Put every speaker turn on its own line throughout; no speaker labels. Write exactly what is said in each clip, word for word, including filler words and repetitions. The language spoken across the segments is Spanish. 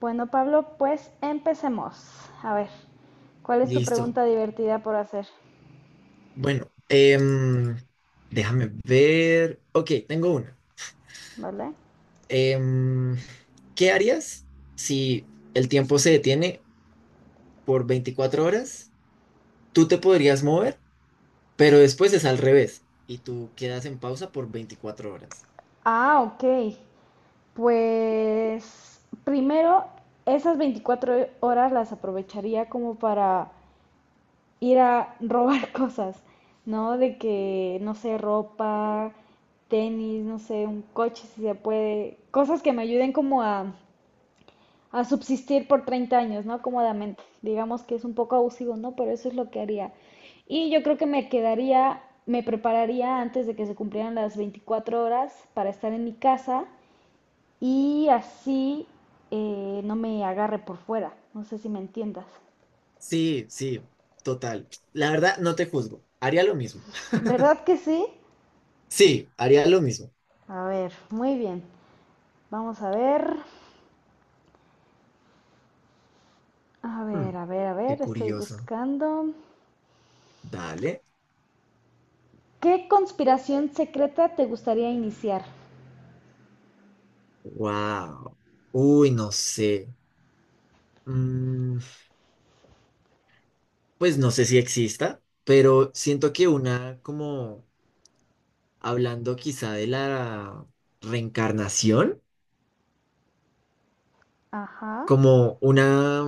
Bueno, Pablo, pues empecemos. A ver, ¿cuál es tu
Listo.
pregunta divertida por hacer?
Bueno, em, déjame ver. Ok, tengo una.
¿Vale?
Em, ¿Qué harías si el tiempo se detiene por veinticuatro horas? Tú te podrías mover, pero después es al revés y tú quedas en pausa por veinticuatro horas.
Ah, ok. Pues primero, esas veinticuatro horas las aprovecharía como para ir a robar cosas, ¿no? De que, no sé, ropa, tenis, no sé, un coche si se puede, cosas que me ayuden como a a subsistir por treinta años, ¿no? Cómodamente. Digamos que es un poco abusivo, ¿no? Pero eso es lo que haría. Y yo creo que me quedaría, me prepararía antes de que se cumplieran las veinticuatro horas para estar en mi casa y así eh, no me agarre por fuera. No sé si me entiendas.
Sí, sí, total. La verdad, no te juzgo. Haría lo mismo.
¿Verdad que sí?
Sí, haría lo mismo.
A ver, muy bien. Vamos a ver. A ver,
Hmm,
a ver, a
Qué
ver, estoy
curioso.
buscando.
Dale.
¿Qué conspiración secreta te gustaría iniciar?
Wow. Uy, no sé. Mm, Pues no sé si exista, pero siento que una, como hablando quizá de la reencarnación,
Ajá.
como una,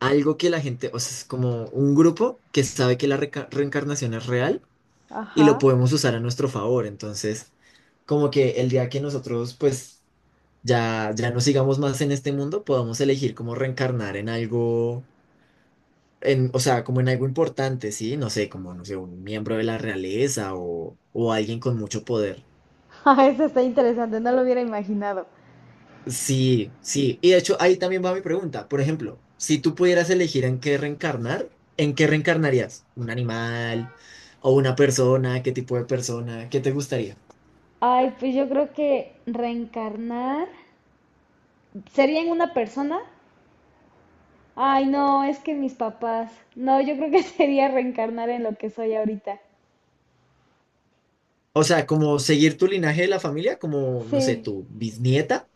algo que la gente, o sea, es como un grupo que sabe que la reca- reencarnación es real y
Ajá.
lo podemos usar a nuestro favor. Entonces, como que el día que nosotros, pues, ya, ya no sigamos más en este mundo, podamos elegir cómo reencarnar en algo en, o sea, como en algo importante, ¿sí? No sé, como, no sé, un miembro de la realeza o, o alguien con mucho poder.
Ah, eso está interesante, no lo hubiera imaginado.
Sí, sí. Y de hecho, ahí también va mi pregunta. Por ejemplo, si tú pudieras elegir en qué reencarnar, ¿en qué reencarnarías? ¿Un animal o una persona? ¿Qué tipo de persona? ¿Qué te gustaría?
Ay, pues yo creo que reencarnar sería en una persona. Ay, no, es que mis papás. No, yo creo que sería reencarnar en lo que soy ahorita.
O sea, como seguir tu linaje de la familia, como, no sé,
Sí,
tu bisnieta.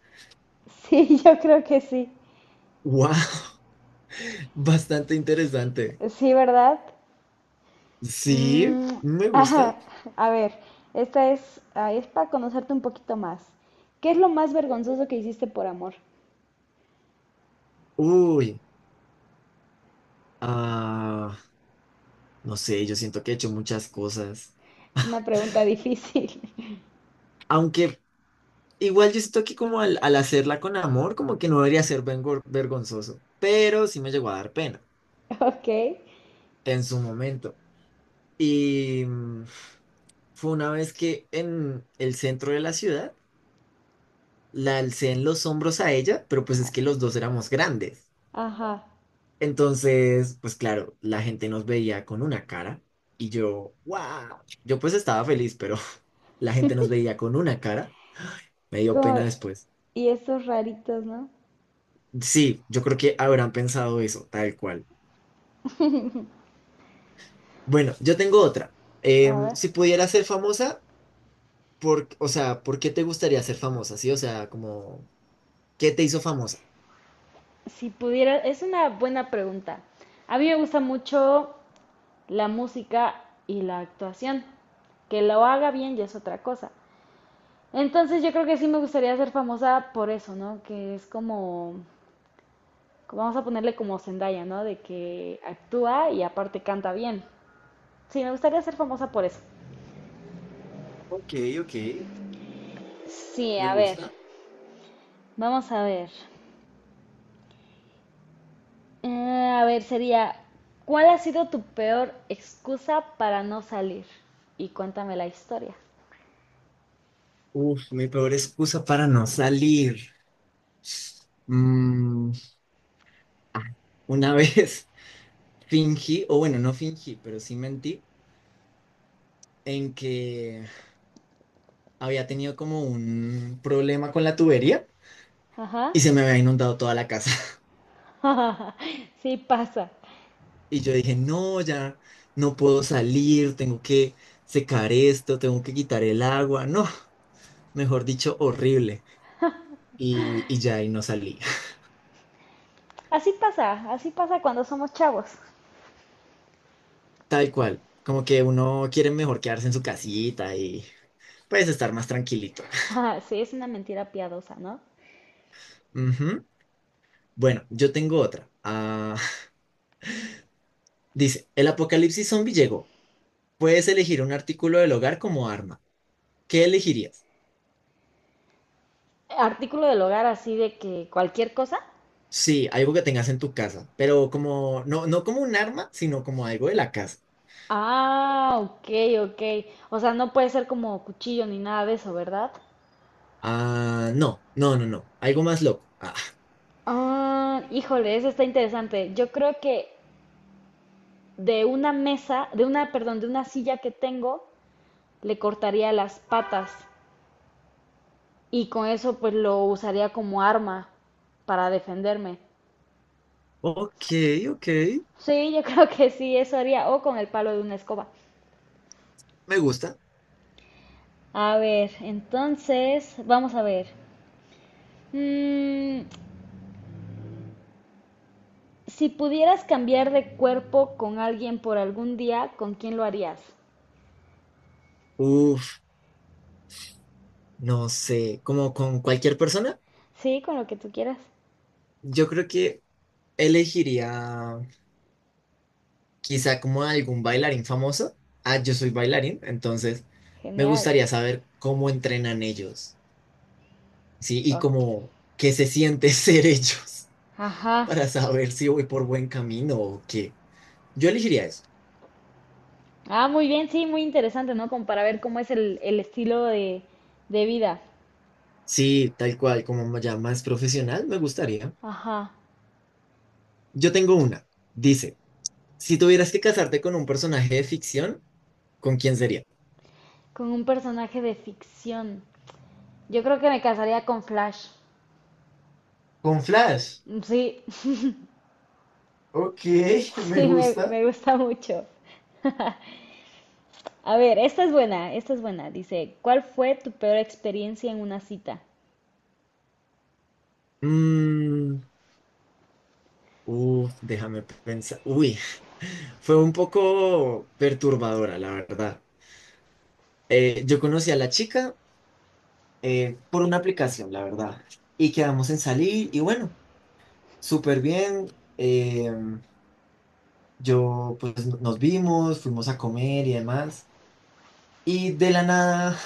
sí, yo creo que sí.
¡Wow! Bastante interesante.
Sí, ¿verdad?
Sí,
Mm,
me
ajá.
gusta.
A ver, esta es, ah, es para conocerte un poquito más. ¿Qué es lo más vergonzoso que hiciste por amor?
Uy, ah. No sé, yo siento que he hecho muchas cosas.
Es una pregunta difícil.
Aunque igual yo siento que como al, al hacerla con amor, como que no debería ser vengo- vergonzoso. Pero sí me llegó a dar pena
Ok.
en su momento. Y mm, fue una vez que en el centro de la ciudad la alcé en los hombros a ella, pero pues es que los dos éramos grandes.
Ajá.
Entonces, pues claro, la gente nos veía con una cara y yo, wow, yo pues estaba feliz, pero la gente nos veía con una cara. Me dio
Como-
pena después.
y esos raritos, ¿no?
Sí, yo creo que habrán pensado eso, tal cual. Bueno, yo tengo otra.
A
Em,
ver.
si pudieras ser famosa, por, o sea, ¿por qué te gustaría ser famosa? Sí, o sea, como, ¿qué te hizo famosa?
Si pudiera, es una buena pregunta. A mí me gusta mucho la música y la actuación. Que lo haga bien ya es otra cosa. Entonces yo creo que sí me gustaría ser famosa por eso, ¿no? Que es como, vamos a ponerle como Zendaya, ¿no? De que actúa y aparte canta bien. Sí, me gustaría ser famosa por eso.
Ok, ok,
Sí,
me
a ver.
gusta.
Vamos a ver. Ah, a ver, sería, ¿cuál ha sido tu peor excusa para no salir? Y cuéntame la historia.
Uf, mi peor excusa para no salir. Mm, ah, una vez fingí, o bueno, no fingí, pero sí mentí, en que había tenido como un problema con la tubería
Ajá.
y se me había inundado toda la casa.
Sí pasa.
Y yo dije, no, ya no puedo salir, tengo que secar esto, tengo que quitar el agua. No, mejor dicho, horrible. Y, y ya ahí no salí.
Así pasa, así pasa cuando somos chavos.
Tal cual, como que uno quiere mejor quedarse en su casita y pues estar más tranquilito.
Sí, es una mentira piadosa, ¿no?
Ujú. Bueno, yo tengo otra. Ah, dice, el apocalipsis zombie llegó. Puedes elegir un artículo del hogar como arma. ¿Qué elegirías?
Artículo del hogar así de que cualquier cosa.
Sí, algo que tengas en tu casa, pero como, no, no como un arma, sino como algo de la casa.
Ah, ok, ok. O sea, no puede ser como cuchillo ni nada de eso, ¿verdad?
Ah, no, no, no, no. Algo más loco. Ah,
Ah, híjole, eso está interesante. Yo creo que de una mesa, de una, perdón, de una silla que tengo, le cortaría las patas y con eso pues lo usaría como arma para defenderme.
ok, ok.
Sí, yo creo que sí, eso haría, o con el palo de una escoba.
Me gusta.
A ver, entonces, vamos a ver. Mm, si pudieras cambiar de cuerpo con alguien por algún día, ¿con quién lo harías?
Uf, no sé, como con cualquier persona,
Sí, con lo que tú quieras.
yo creo que elegiría quizá como algún bailarín famoso. Ah, yo soy bailarín, entonces me
Genial.
gustaría saber cómo entrenan ellos, ¿sí? Y
Ok.
cómo, qué se siente ser ellos
Ajá.
para saber si voy por buen camino o qué. Yo elegiría eso.
Ah, muy bien, sí, muy interesante, ¿no? Como para ver cómo es el, el estilo de, de vida.
Sí, tal cual, como ya más profesional, me gustaría.
Ajá,
Yo tengo una. Dice, si tuvieras que casarte con un personaje de ficción, ¿con quién sería?
con un personaje de ficción. Yo creo que me casaría con Flash.
Con Flash.
Sí,
Ok, me
sí, me,
gusta.
me gusta mucho. A ver, esta es buena, esta es buena. Dice, ¿cuál fue tu peor experiencia en una cita?
Mm, Uf, déjame pensar. Uy, fue un poco perturbadora, la verdad. Eh, yo conocí a la chica eh, por una aplicación, la verdad. Y quedamos en salir y bueno, súper bien. eh, yo, pues nos vimos, fuimos a comer y demás. Y de la nada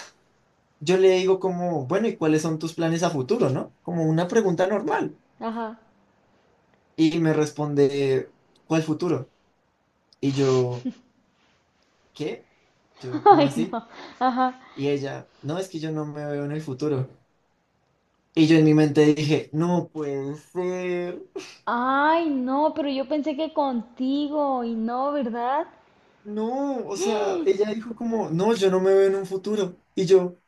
yo le digo como, bueno, ¿y cuáles son tus planes a futuro, no? Como una pregunta normal.
Ajá.
Y me responde, ¿cuál futuro? Y yo, ¿qué? Yo, ¿cómo
Ay,
así?
no. Ajá.
Y ella, no, es que yo no me veo en el futuro. Y yo en mi mente dije, no puede ser.
Ay, no, pero yo pensé que contigo y no, ¿verdad?
No, o sea, ella dijo como, no, yo no me veo en un futuro. Y yo,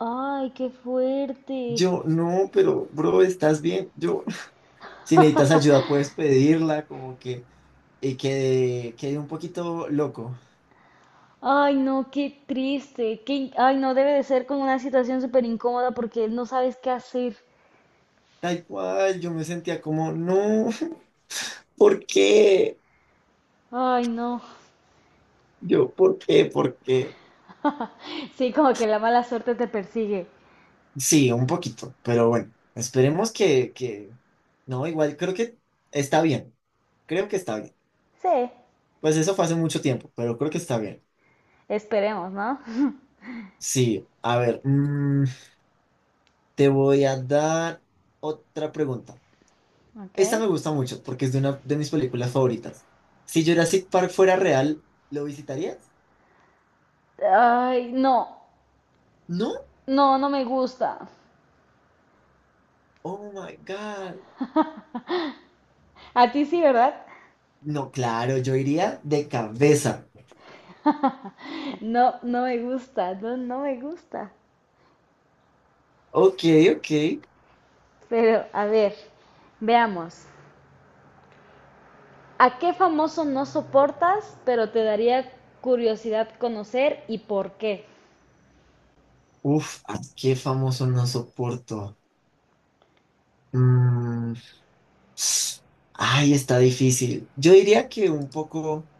Ay, qué fuerte.
yo, no, pero bro, estás bien. Yo, si necesitas ayuda, puedes pedirla, como que, y quedé, quedé un poquito loco.
Ay, no, qué triste. Qué... Ay, no, debe de ser como una situación súper incómoda porque no sabes qué hacer.
Tal cual, yo me sentía como, no, ¿por qué?
Ay, no.
Yo, ¿por qué? ¿Por qué?
Sí, como que la mala suerte te persigue.
Sí, un poquito, pero bueno, esperemos que, que, no, igual, creo que está bien, creo que está bien.
Sí,
Pues eso fue hace mucho tiempo, pero creo que está bien.
esperemos, ¿no?
Sí, a ver, mm, te voy a dar otra pregunta.
Ok.
Esta me gusta mucho porque es de una de mis películas favoritas. Si Jurassic Park fuera real, ¿lo visitarías?
Ay, no,
¿No?
no, no me gusta.
Oh my God.
A ti sí, ¿verdad?
No, claro, yo iría de cabeza.
No, no me gusta, no, no me gusta.
Ok, ok.
Pero, a ver, veamos. ¿A qué famoso no soportas, pero te daría curiosidad conocer y por qué?
Uf, ¿a qué famoso no soporto? Mm, Ay, está difícil. Yo diría que un poco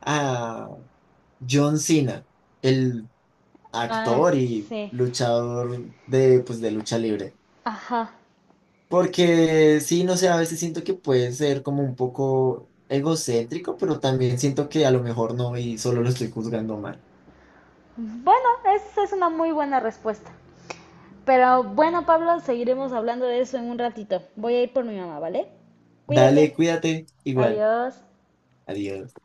a John Cena, el
Ah,
actor y
sí.
luchador de, pues, de lucha libre.
Ajá.
Porque sí, no sé, a veces siento que puede ser como un poco egocéntrico, pero también siento que a lo mejor no y solo lo estoy juzgando mal.
Bueno, esa es una muy buena respuesta. Pero bueno, Pablo, seguiremos hablando de eso en un ratito. Voy a ir por mi mamá, ¿vale?
Dale,
Cuídate.
cuídate. Igual,
Adiós.
adiós.